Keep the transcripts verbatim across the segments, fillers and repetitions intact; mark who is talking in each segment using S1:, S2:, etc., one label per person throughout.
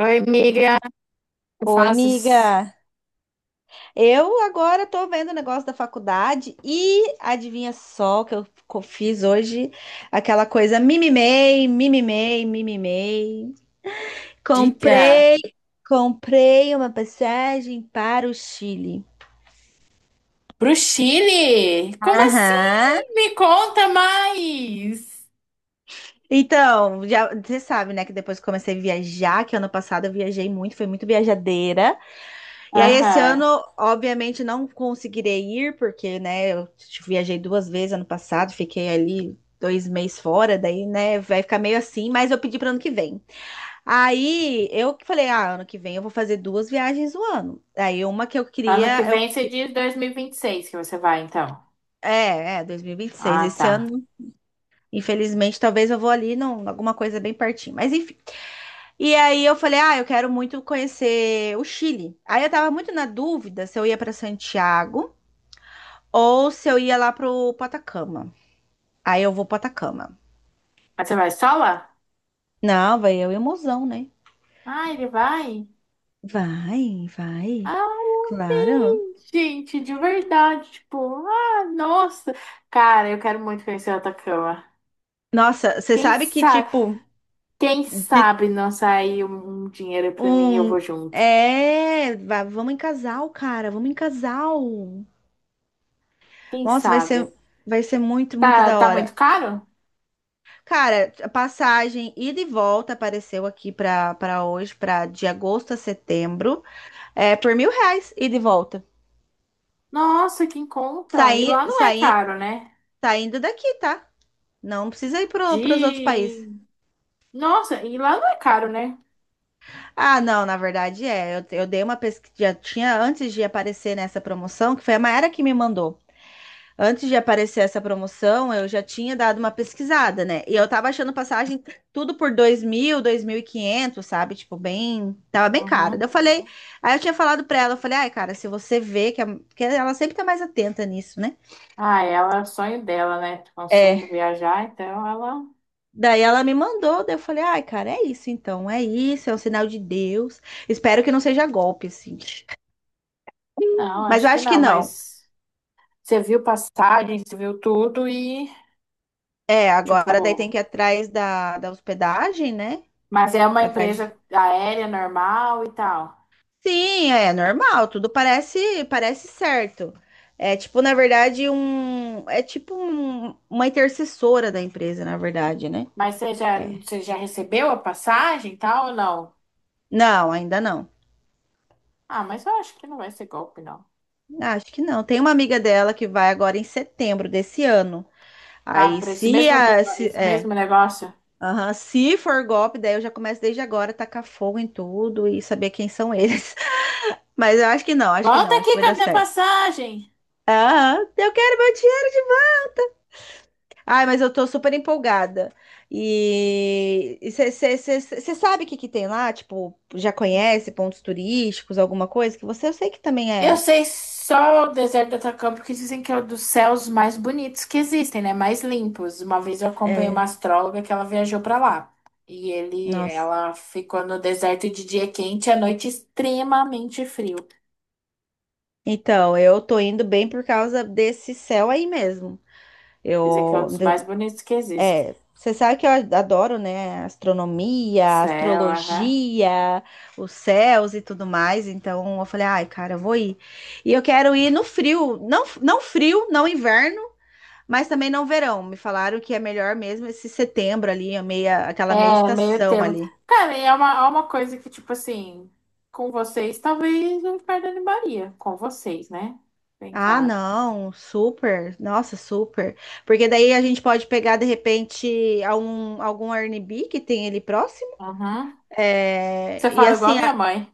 S1: Oi, amiga, que
S2: Oi,
S1: fazes?
S2: amiga. Eu agora tô vendo o negócio da faculdade e adivinha só que eu co- fiz hoje aquela coisa mimimei, mimimei, mimimei.
S1: Diga.
S2: Comprei, comprei uma passagem para o Chile.
S1: Pro Chile? Como
S2: Aham.
S1: assim? Me conta mais.
S2: Então, já, você sabe, né, que depois que comecei a viajar, que ano passado eu viajei muito, fui muito viajadeira. E aí, esse
S1: Aham.
S2: ano, obviamente, não conseguirei ir, porque, né, eu viajei duas vezes ano passado, fiquei ali dois meses fora, daí, né, vai ficar meio assim, mas eu pedi para ano que vem. Aí, eu que falei, ah, ano que vem eu vou fazer duas viagens no ano. Aí, uma que eu
S1: Ano que
S2: queria, eu,
S1: vem você diz dois mil e vinte e seis, que você vai, então.
S2: é, é, dois mil e vinte e seis,
S1: Ah,
S2: esse
S1: tá.
S2: ano, infelizmente, talvez eu vou ali, não, alguma coisa bem pertinho, mas enfim. E aí, eu falei, ah, eu quero muito conhecer o Chile. Aí, eu tava muito na dúvida se eu ia para Santiago, ou se eu ia lá pro pro Atacama. Aí eu vou pro Atacama.
S1: Mas você vai sola?
S2: Não, vai eu e o mozão, né?
S1: Ah, ele vai?
S2: Vai, vai.
S1: Ah,
S2: Claro.
S1: bem, gente, de verdade. Tipo, ah, nossa. Cara, eu quero muito conhecer o Atacama.
S2: Nossa, você
S1: Quem
S2: sabe que,
S1: sabe,
S2: tipo,
S1: quem
S2: de
S1: sabe não sair um um dinheiro pra mim e eu vou
S2: um.
S1: junto.
S2: É, va- vamos em casal, cara, vamos em casal.
S1: Quem
S2: Nossa, vai ser,
S1: sabe?
S2: vai ser muito, muito
S1: Tá,
S2: da
S1: tá
S2: hora.
S1: muito caro?
S2: Cara, a passagem ida e volta apareceu aqui pra, pra hoje, pra de agosto a setembro, é por mil reais, ida e volta.
S1: Nossa, que em conta. E
S2: Saí,
S1: lá não é
S2: saí,
S1: caro, né?
S2: saindo daqui, tá? Não precisa ir para os outros países.
S1: De. Nossa, e lá não é caro, né?
S2: Ah, não, na verdade é. Eu, eu dei uma pesquisa. Já tinha antes de aparecer nessa promoção, que foi a Maera que me mandou. Antes de aparecer essa promoção, eu já tinha dado uma pesquisada, né? E eu tava achando passagem tudo por dois dois mil, dois mil e quinhentos, sabe? Tipo, bem. Tava bem caro. Daí
S1: Uhum.
S2: eu falei. Aí eu tinha falado pra ela, eu falei, ai, cara, se você vê que, a- que ela sempre tá mais atenta nisso, né?
S1: Ah, é, ela, é o sonho dela, né? Consumo
S2: É,
S1: viajar, então ela.
S2: daí ela me mandou, daí eu falei, ai, cara, é isso então, é isso, é um sinal de Deus. Espero que não seja golpe, assim.
S1: Não,
S2: Mas
S1: acho
S2: eu
S1: que
S2: acho que
S1: não,
S2: não.
S1: mas você viu passagem, você viu tudo e,
S2: É,
S1: tipo.
S2: agora daí tem que ir atrás da, da hospedagem, né?
S1: Mas é uma
S2: Atrás
S1: empresa
S2: de...
S1: aérea normal e tal.
S2: Sim, é normal, tudo parece parece certo. É tipo, na verdade, um. É tipo um- uma intercessora da empresa, na verdade, né?
S1: Mas você já,
S2: É.
S1: você já recebeu a passagem e tal ou não?
S2: Não, ainda não.
S1: Ah, mas eu acho que não vai ser golpe, não.
S2: Acho que não. Tem uma amiga dela que vai agora em setembro desse ano.
S1: Ah,
S2: Aí,
S1: para esse
S2: se
S1: mesmo,
S2: a,
S1: lugar-
S2: se,
S1: esse
S2: é,
S1: mesmo negócio.
S2: aham. Se for golpe, daí eu já começo desde agora a tacar fogo em tudo e saber quem são eles. Mas eu acho que não, acho que
S1: Volta
S2: não, acho que
S1: aqui
S2: vai
S1: com a
S2: dar
S1: minha
S2: certo.
S1: passagem.
S2: Aham, eu quero meu dinheiro de volta. Ai, mas eu tô super empolgada. E você sabe o que que tem lá? Tipo, já conhece pontos turísticos, alguma coisa? Que você eu sei que também
S1: Eu
S2: é.
S1: sei só o deserto do Atacama, porque dizem que é um dos céus mais bonitos que existem, né? Mais limpos. Uma vez eu acompanhei uma astróloga que ela viajou pra lá. E ele,
S2: Nossa.
S1: ela ficou no deserto de dia quente e à noite extremamente frio.
S2: Então, eu tô indo bem por causa desse céu aí mesmo.
S1: Dizem que é um
S2: Eu
S1: dos mais bonitos que existem.
S2: É, você sabe que eu adoro, né? Astronomia,
S1: Céu, aham.
S2: astrologia, os céus e tudo mais. Então eu falei, ai, cara, eu vou ir. E eu quero ir no frio, não, não frio, não inverno, mas também não verão. Me falaram que é melhor mesmo esse setembro ali, a meia, aquela meia
S1: É, meio
S2: estação
S1: termo.
S2: ali.
S1: Cara, e é uma, é uma coisa que, tipo assim, com vocês, talvez eu me perdone Maria. Com vocês, né? Bem
S2: Ah,
S1: claro.
S2: não, super, nossa, super. Porque daí a gente pode pegar de repente algum, algum Airbnb que tem ali próximo.
S1: Uhum. Você
S2: É, e
S1: fala igual a
S2: assim,
S1: minha
S2: a
S1: mãe.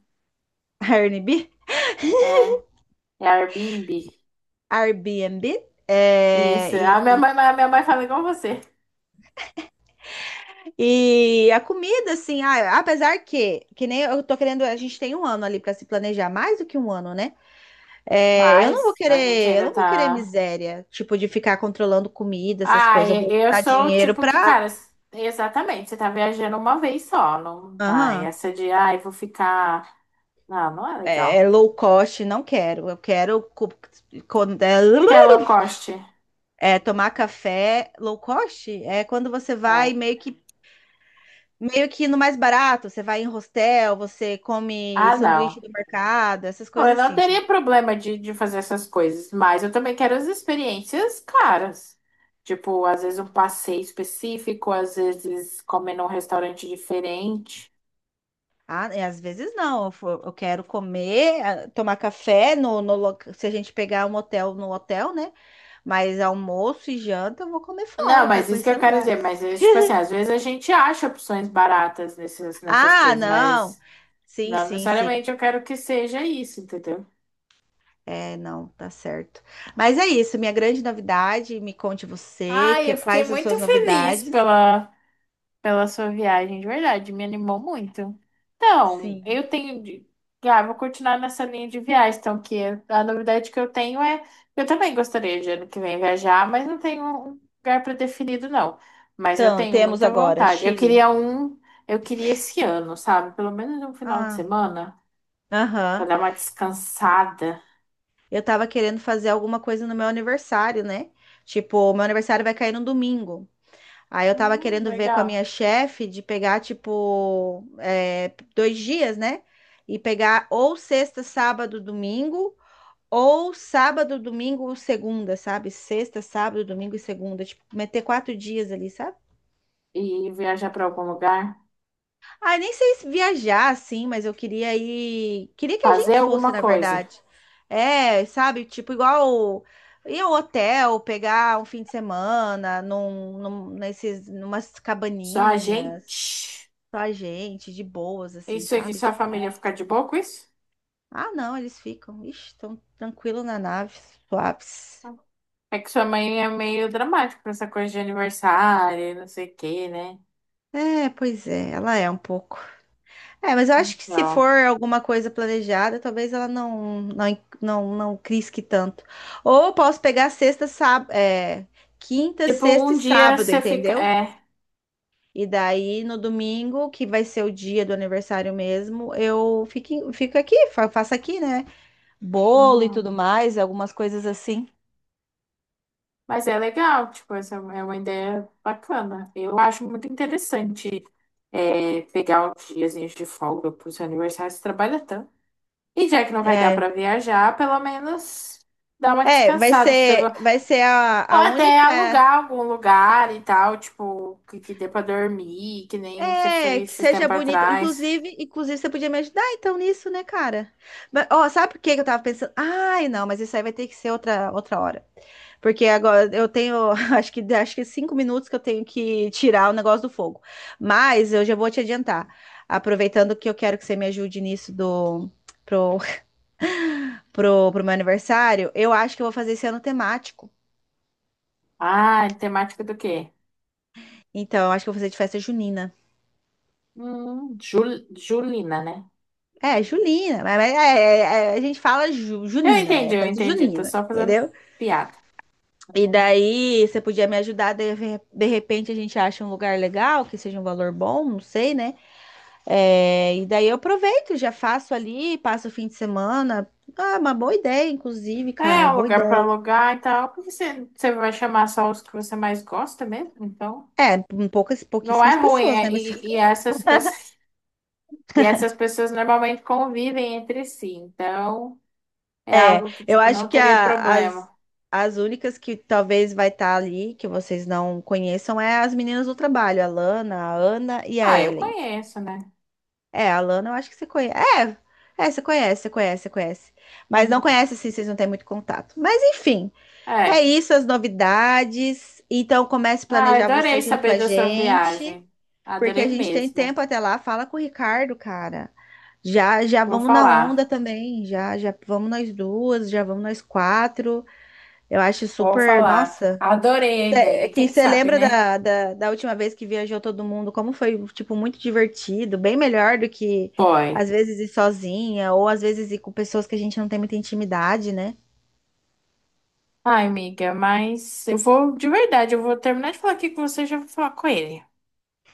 S2: Airbnb.
S1: É, é Airbnb.
S2: Airbnb. É,
S1: Isso. A
S2: e,
S1: minha mãe, a minha mãe fala igual você.
S2: e a comida, assim, ah, apesar que, que nem eu tô querendo, a gente tem um ano ali pra se planejar, mais do que um ano, né? É, eu não vou
S1: Mas a gente
S2: querer, eu
S1: ainda
S2: não vou querer
S1: tá.
S2: miséria, tipo, de ficar controlando comida, essas
S1: Ah,
S2: coisas. Eu
S1: e-
S2: vou
S1: eu
S2: juntar
S1: sou o
S2: dinheiro
S1: tipo que,
S2: pra.
S1: cara, s- exatamente, você tá viajando uma vez só. Não. Ai,
S2: Aham.
S1: essa de, ai, vou ficar. Não, não é legal.
S2: É, é
S1: O
S2: low cost, não quero. Eu quero co- co-
S1: que que é low cost?
S2: é, é, tomar café low cost. É quando você vai
S1: É.
S2: meio que Meio que no mais barato, você vai em hostel, você come
S1: Ah,
S2: sanduíche
S1: não.
S2: do mercado, essas
S1: Não, eu
S2: coisas
S1: não
S2: assim, sabe?
S1: teria problema de, de fazer essas coisas, mas eu também quero as experiências caras. Tipo, às vezes um passeio específico, às vezes comer num restaurante diferente.
S2: Ah, e às vezes não, eu fo- eu quero comer, ah, tomar café no, no loca- se a gente pegar um hotel no hotel, né? Mas almoço e janta eu vou comer fora,
S1: Não,
S2: eu quero
S1: mas isso que
S2: conhecer
S1: eu quero dizer,
S2: lugares.
S1: mas é, tipo assim, às vezes a gente acha opções baratas nessas, nessas
S2: Ah,
S1: coisas,
S2: não.
S1: mas
S2: Sim,
S1: não
S2: sim, sim.
S1: necessariamente eu quero que seja isso, entendeu?
S2: É, não, tá certo. Mas é isso, minha grande novidade, me conte você,
S1: Ai,
S2: que,
S1: eu fiquei
S2: quais as
S1: muito
S2: suas
S1: feliz
S2: novidades?
S1: pela pela sua viagem, de verdade, me animou muito. Então,
S2: Sim.
S1: eu tenho. De. Ah, vou continuar nessa linha de viagens, então, que é, a novidade que eu tenho é. Eu também gostaria de ano que vem viajar, mas não tenho um lugar pré-definido, não. Mas eu
S2: Então,
S1: tenho
S2: temos
S1: muita
S2: agora
S1: vontade. Eu
S2: Chile.
S1: queria um. Eu queria esse ano, sabe? Pelo menos um final de
S2: Ah.
S1: semana, pra
S2: Aham.
S1: dar uma descansada.
S2: Eu tava querendo fazer alguma coisa no meu aniversário, né? Tipo, meu aniversário vai cair no domingo. Aí eu tava
S1: Hum,
S2: querendo ver com a
S1: legal.
S2: minha chefe de pegar, tipo, é, dois dias, né? E pegar ou sexta, sábado, domingo, ou sábado, domingo, segunda, sabe? Sexta, sábado, domingo e segunda. Tipo, meter quatro dias ali, sabe?
S1: E viajar pra algum lugar,
S2: Ah, nem sei se viajar assim, mas eu queria ir. Queria que a
S1: fazer
S2: gente fosse,
S1: alguma
S2: na
S1: coisa.
S2: verdade. É, sabe? Tipo, igual ir ao hotel, pegar um fim de semana num, num, nesses, numas
S1: Só a
S2: cabaninhas,
S1: gente.
S2: só a gente, de boas, assim,
S1: Isso aqui,
S2: sabe?
S1: sua
S2: Tipo,
S1: família ficar de boa com isso?
S2: ah, não, eles ficam, ixi, tão tranquilo na nave, suaves.
S1: É que sua mãe é meio dramática pra essa coisa de aniversário, e não sei o quê, né?
S2: É, pois é, ela é um pouco. É, mas eu acho que se for
S1: Então,
S2: alguma coisa planejada, talvez ela não não não, não crisque tanto. Ou eu posso pegar sexta, sábado, é, quinta,
S1: tipo,
S2: sexta e
S1: um dia
S2: sábado,
S1: você fica.
S2: entendeu?
S1: É.
S2: E daí no domingo, que vai ser o dia do aniversário mesmo, eu fico, em- fico aqui, fa- faço aqui, né? Bolo e
S1: Uhum.
S2: tudo mais, algumas coisas assim.
S1: Mas é legal, tipo, essa é uma ideia bacana. Eu acho muito interessante é, pegar uns diazinhos de folga pro seu aniversário, você trabalha tanto. E já que não vai dar
S2: É,
S1: pra viajar, pelo menos dar uma
S2: é, vai
S1: descansada, fazer alguma.
S2: ser vai ser a,
S1: Ou
S2: a
S1: até
S2: única.
S1: alugar algum lugar e tal, tipo, que, que dê pra dormir, que nem você foi
S2: É, que
S1: esses
S2: seja
S1: tempos
S2: bonito.
S1: atrás.
S2: Inclusive, inclusive, você podia me ajudar então nisso, né, cara? Mas, ó, sabe por que que eu tava pensando? Ai, não, mas isso aí vai ter que ser outra, outra hora. Porque agora eu tenho, acho que, acho que é cinco minutos que eu tenho que tirar o negócio do fogo. Mas eu já vou te adiantar. Aproveitando que eu quero que você me ajude nisso do, pro, pro, pro meu aniversário, eu acho que eu vou fazer esse ano temático.
S1: Ah, temática do quê?
S2: Então, eu acho que eu vou fazer de festa junina.
S1: Hum, Jul- Julina, né?
S2: É, Junina, mas mas é- é- é- a gente fala ju-
S1: Eu
S2: Junina,
S1: entendi,
S2: é
S1: eu
S2: festa
S1: entendi. Tô
S2: junina,
S1: só fazendo
S2: entendeu?
S1: piada.
S2: E
S1: Uhum.
S2: daí você podia me ajudar, de, re- de repente a gente acha um lugar legal, que seja um valor bom, não sei, né? É, e daí eu aproveito, já faço ali, passo o fim de semana. Ah, uma boa ideia, inclusive,
S1: É,
S2: cara,
S1: um
S2: boa
S1: lugar pra
S2: ideia.
S1: alugar e tal. Porque você, você vai chamar só os que você mais gosta mesmo? Então,
S2: É, um poucas,
S1: não é
S2: pouquíssimas
S1: ruim.
S2: pessoas, né?
S1: É-
S2: Mas
S1: e, e essas pessoas, e essas pessoas normalmente convivem entre si. Então, é
S2: é,
S1: algo que,
S2: eu
S1: tipo, não
S2: acho que
S1: teria
S2: a-
S1: problema.
S2: as, as únicas que talvez vai estar ali, que vocês não conheçam, é as meninas do trabalho, a Lana, a Ana e a
S1: Ah, eu
S2: Ellen.
S1: conheço, né?
S2: É, a Lana, eu acho que você conhece. É, é, você conhece, você conhece, você conhece. Mas não
S1: Uhum.
S2: conhece, assim, vocês não têm muito contato. Mas, enfim, é
S1: É.
S2: isso, as novidades. Então, comece a
S1: Ah,
S2: planejar
S1: adorei
S2: você junto com
S1: saber
S2: a
S1: da sua
S2: gente,
S1: viagem.
S2: porque a
S1: Adorei
S2: gente tem
S1: mesmo.
S2: tempo até lá. Fala com o Ricardo, cara. Já, já
S1: Vou
S2: vamos na
S1: falar.
S2: onda também. Já, já vamos nós duas, já vamos nós quatro. Eu acho
S1: Vou
S2: super.
S1: falar.
S2: Nossa.
S1: Adorei a
S2: É é
S1: ideia.
S2: que
S1: Quem
S2: você
S1: sabe,
S2: lembra
S1: né?
S2: da, da, da última vez que viajou todo mundo, como foi, tipo, muito divertido, bem melhor do que
S1: Boy.
S2: às vezes ir sozinha, ou às vezes ir com pessoas que a gente não tem muita intimidade, né?
S1: Ai, amiga, mas eu vou, de verdade, eu vou terminar de falar aqui com você e já vou falar com ele.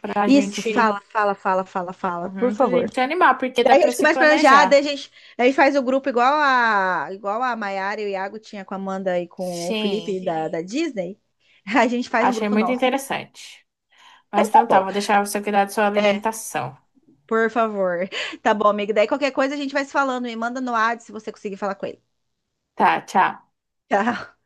S1: Pra
S2: Isso,
S1: gente,
S2: fala, fala, fala, fala, fala, por
S1: uhum, pra
S2: favor.
S1: gente se animar, porque dá
S2: Daí a
S1: pra
S2: gente
S1: se
S2: começa a planejar, daí a
S1: planejar.
S2: gente, daí faz o grupo igual a, igual a Mayara e o Iago tinha com a Amanda e com o
S1: Sim,
S2: Felipe da, da Disney. A gente faz um
S1: achei
S2: grupo
S1: muito
S2: nosso.
S1: interessante.
S2: Então
S1: Mas
S2: tá
S1: então tá,
S2: bom.
S1: vou deixar você cuidar da sua
S2: É.
S1: alimentação.
S2: Por favor. Tá bom, amigo. Daí qualquer coisa a gente vai se falando. E manda no WhatsApp se você conseguir falar com ele.
S1: Tá, tchau.
S2: Tchau.